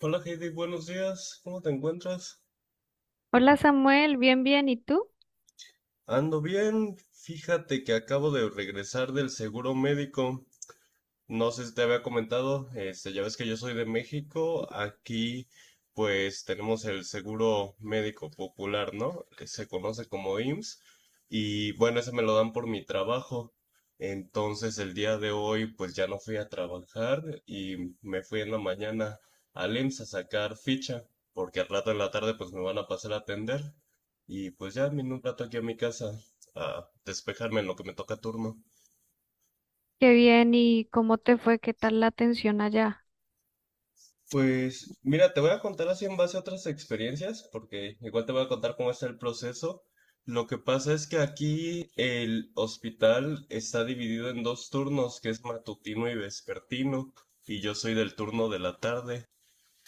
Hola Heidi, buenos días, ¿cómo te encuentras? Hola Samuel, bien, bien, ¿y tú? Ando bien, fíjate que acabo de regresar del seguro médico. No sé si te había comentado, ya ves que yo soy de México, aquí pues tenemos el seguro médico popular, ¿no? Que se conoce como IMSS y bueno, ese me lo dan por mi trabajo. Entonces el día de hoy pues ya no fui a trabajar y me fui en la mañana al IMSS a sacar ficha, porque al rato en la tarde pues me van a pasar a atender y pues ya vine un rato aquí a mi casa a despejarme en lo que me toca turno. Qué bien, ¿y cómo te fue? ¿Qué tal la atención allá? Pues mira, te voy a contar así en base a otras experiencias, porque igual te voy a contar cómo está el proceso. Lo que pasa es que aquí el hospital está dividido en dos turnos, que es matutino y vespertino, y yo soy del turno de la tarde,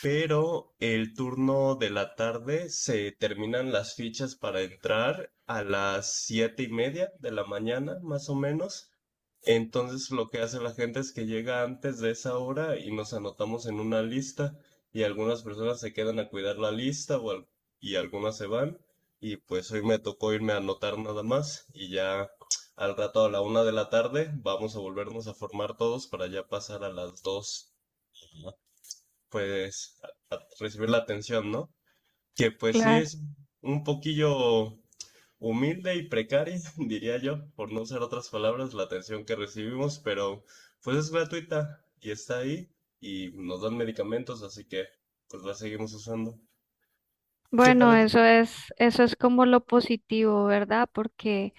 pero el turno de la tarde se terminan las fichas para entrar a las 7:30 de la mañana, más o menos. Entonces lo que hace la gente es que llega antes de esa hora y nos anotamos en una lista, y algunas personas se quedan a cuidar la lista y algunas se van. Y pues hoy me tocó irme a anotar nada más, y ya al rato a la 1 de la tarde vamos a volvernos a formar todos para ya pasar a las 2, pues a recibir la atención, ¿no? Que pues sí Claro. es un poquillo humilde y precaria, diría yo, por no usar otras palabras, la atención que recibimos, pero pues es gratuita y está ahí, y nos dan medicamentos, así que pues la seguimos usando. ¿Qué tal Bueno, es? Eso es como lo positivo, ¿verdad? Porque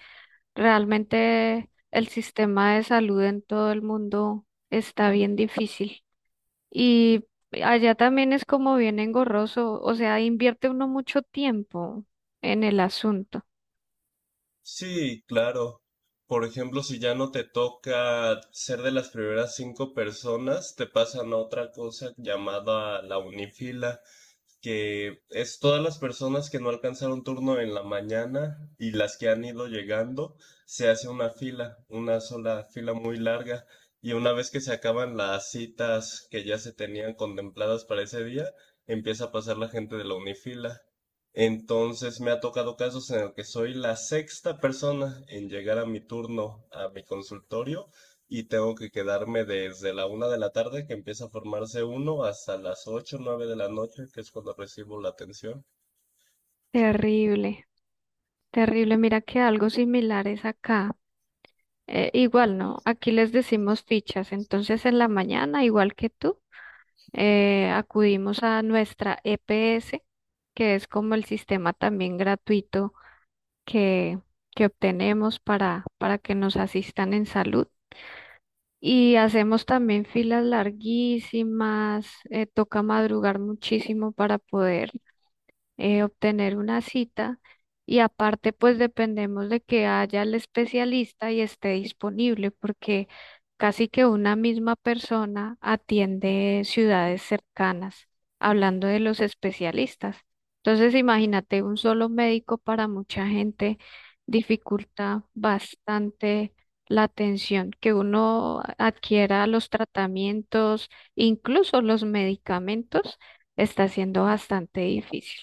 realmente el sistema de salud en todo el mundo está bien difícil. Y allá también es como bien engorroso, o sea, invierte uno mucho tiempo en el asunto. Sí, claro. Por ejemplo, si ya no te toca ser de las primeras cinco personas, te pasan a otra cosa llamada la unifila, que es todas las personas que no alcanzaron turno en la mañana y las que han ido llegando. Se hace una fila, una sola fila muy larga. Y una vez que se acaban las citas que ya se tenían contempladas para ese día, empieza a pasar la gente de la unifila. Entonces me ha tocado casos en el que soy la sexta persona en llegar a mi turno a mi consultorio, y tengo que quedarme desde la 1 de la tarde, que empieza a formarse uno, hasta las 8, 9 de la noche, que es cuando recibo la atención. Terrible, terrible. Mira que algo similar es acá. Igual no, aquí les decimos fichas. Entonces en la mañana, igual que tú, acudimos a nuestra EPS, que es como el sistema también gratuito que, que obtenemos para que nos asistan en salud. Y hacemos también filas larguísimas, toca madrugar muchísimo para poder obtener una cita y aparte pues dependemos de que haya el especialista y esté disponible porque casi que una misma persona atiende ciudades cercanas, hablando de los especialistas. Entonces imagínate un solo médico para mucha gente dificulta bastante la atención, que uno adquiera los tratamientos, incluso los medicamentos, está siendo bastante difícil.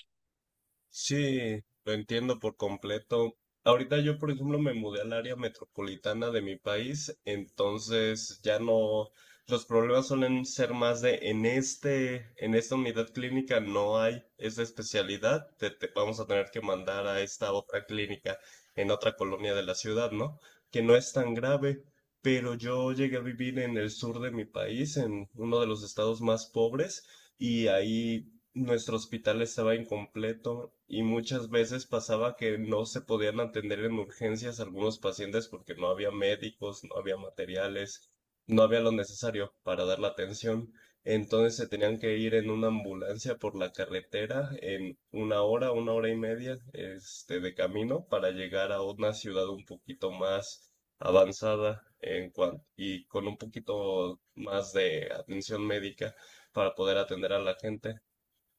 Sí, lo entiendo por completo. Ahorita yo, por ejemplo, me mudé al área metropolitana de mi país, entonces ya no, los problemas suelen ser más de en esta unidad clínica no hay esa especialidad, te vamos a tener que mandar a esta otra clínica en otra colonia de la ciudad, ¿no? Que no es tan grave, pero yo llegué a vivir en el sur de mi país, en uno de los estados más pobres. Y ahí nuestro hospital estaba incompleto, y muchas veces pasaba que no se podían atender en urgencias algunos pacientes porque no había médicos, no había materiales, no había lo necesario para dar la atención. Entonces se tenían que ir en una ambulancia por la carretera en una hora y media, de camino para llegar a una ciudad un poquito más avanzada y con un poquito más de atención médica para poder atender a la gente.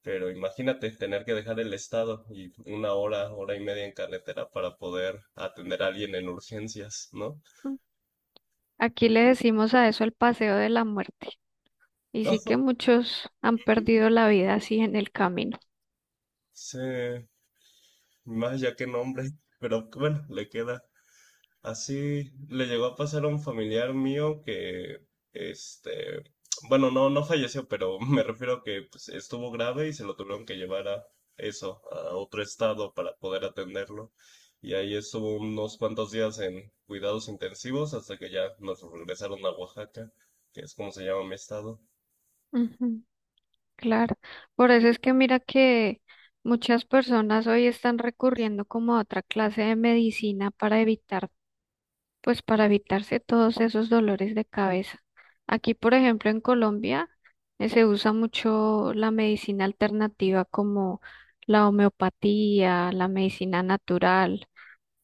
Pero imagínate tener que dejar el estado y una hora, hora y media en carretera para poder atender a alguien en urgencias, ¿no? Aquí le decimos a eso el paseo de la muerte. Y sí que muchos han perdido la vida así en el camino. Sí, más ya que nombre, pero bueno, le queda. Así le llegó a pasar a un familiar mío que, este, bueno, no, no falleció, pero me refiero a que pues, estuvo grave y se lo tuvieron que llevar a eso, a otro estado para poder atenderlo. Y ahí estuvo unos cuantos días en cuidados intensivos hasta que ya nos regresaron a Oaxaca, que es como se llama mi estado. Ujú, claro. Por eso es que mira que muchas personas hoy están recurriendo como a otra clase de medicina para evitar, pues para evitarse todos esos dolores de cabeza. Aquí, por ejemplo, en Colombia, se usa mucho la medicina alternativa como la homeopatía, la medicina natural.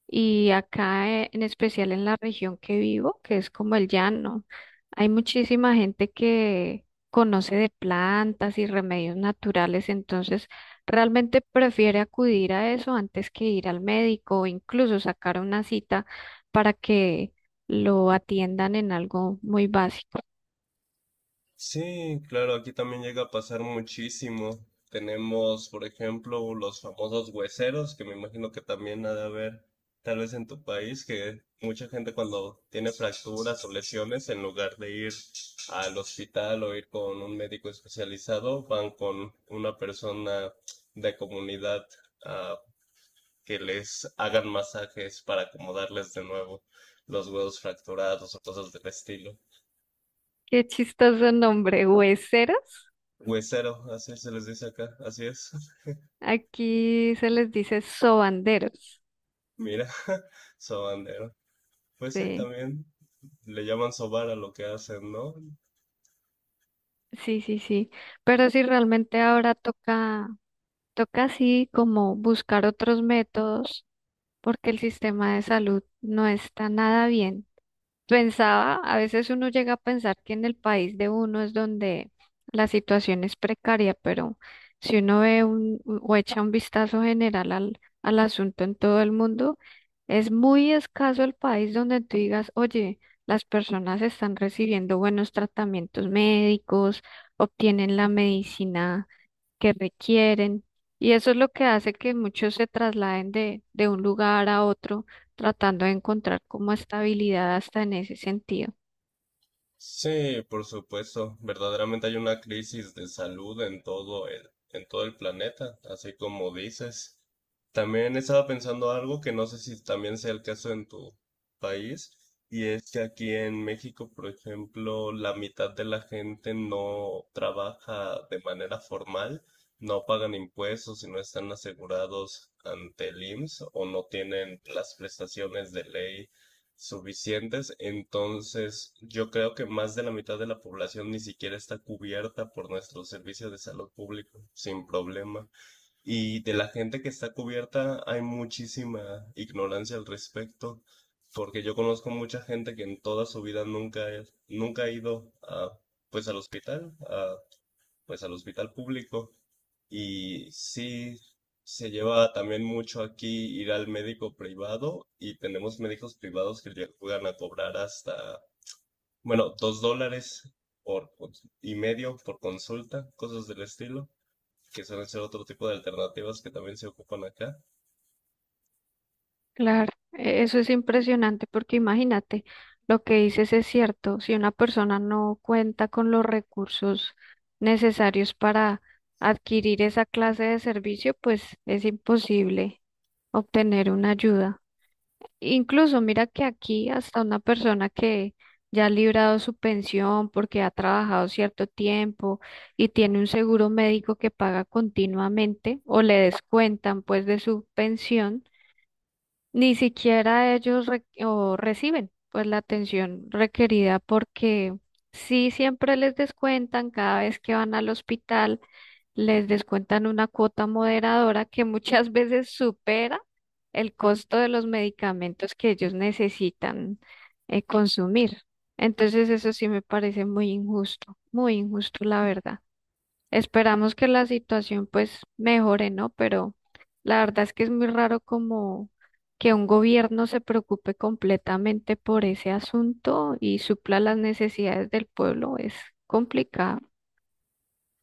Y acá, en especial en la región que vivo, que es como el llano, hay muchísima gente que conoce de plantas y remedios naturales, entonces realmente prefiere acudir a eso antes que ir al médico o incluso sacar una cita para que lo atiendan en algo muy básico. Sí, claro, aquí también llega a pasar muchísimo. Tenemos, por ejemplo, los famosos hueseros, que me imagino que también ha de haber, tal vez en tu país, que mucha gente cuando tiene fracturas o lesiones, en lugar de ir al hospital o ir con un médico especializado, van con una persona de comunidad, ah, que les hagan masajes para acomodarles de nuevo los huesos fracturados o cosas del estilo. Qué chistoso nombre, hueseros. Huesero, así se les dice acá, así es. Aquí se les dice sobanderos. Mira, sobandero. Pues sí, Sí, también le llaman sobar a lo que hacen, ¿no? sí, sí, sí. Pero sí realmente ahora toca. Toca así como buscar otros métodos porque el sistema de salud no está nada bien. Pensaba, a veces uno llega a pensar que en el país de uno es donde la situación es precaria, pero si uno ve un, o echa un vistazo general al asunto en todo el mundo, es muy escaso el país donde tú digas, oye, las personas están recibiendo buenos tratamientos médicos, obtienen la medicina que requieren. Y eso es lo que hace que muchos se trasladen de un lugar a otro, tratando de encontrar como estabilidad hasta en ese sentido. Sí, por supuesto. Verdaderamente hay una crisis de salud en todo el planeta, así como dices. También estaba pensando algo que no sé si también sea el caso en tu país, y es que aquí en México, por ejemplo, la mitad de la gente no trabaja de manera formal, no pagan impuestos y no están asegurados ante el IMSS o no tienen las prestaciones de ley suficientes, entonces yo creo que más de la mitad de la población ni siquiera está cubierta por nuestro servicio de salud público, sin problema. Y de la gente que está cubierta hay muchísima ignorancia al respecto, porque yo conozco mucha gente que en toda su vida nunca nunca ha ido a, pues al hospital, a, pues al hospital público. Y sí, se lleva también mucho aquí ir al médico privado, y tenemos médicos privados que llegan a cobrar hasta, bueno, $2 y medio por consulta, cosas del estilo, que suelen ser otro tipo de alternativas que también se ocupan acá. Claro, eso es impresionante porque imagínate, lo que dices es cierto, si una persona no cuenta con los recursos necesarios para adquirir esa clase de servicio, pues es imposible obtener una ayuda. Incluso mira que aquí hasta una persona que ya ha librado su pensión porque ha trabajado cierto tiempo y tiene un seguro médico que paga continuamente o le descuentan pues de su pensión. Ni siquiera ellos re- o reciben pues la atención requerida porque sí siempre les descuentan cada vez que van al hospital, les descuentan una cuota moderadora que muchas veces supera el costo de los medicamentos que ellos necesitan consumir. Entonces eso sí me parece muy injusto la verdad. Esperamos que la situación pues mejore, ¿no? Pero la verdad es que es muy raro como que un gobierno se preocupe completamente por ese asunto y supla las necesidades del pueblo. Es complicado.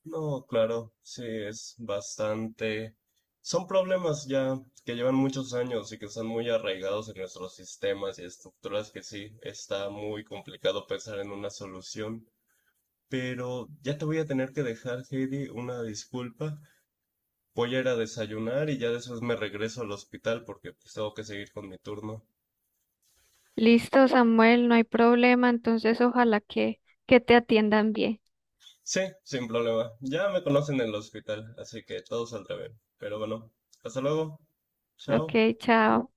No, claro, sí, es bastante. Son problemas ya que llevan muchos años y que están muy arraigados en nuestros sistemas y estructuras que sí, está muy complicado pensar en una solución. Pero ya te voy a tener que dejar, Heidi, una disculpa. Voy a ir a desayunar y ya después me regreso al hospital porque pues, tengo que seguir con mi turno. Listo, Samuel, no hay problema. Entonces, ojalá que te atiendan bien. Sí, sin problema. Ya me conocen en el hospital, así que todo saldrá bien. Pero bueno, hasta luego. Chao. Ok, chao.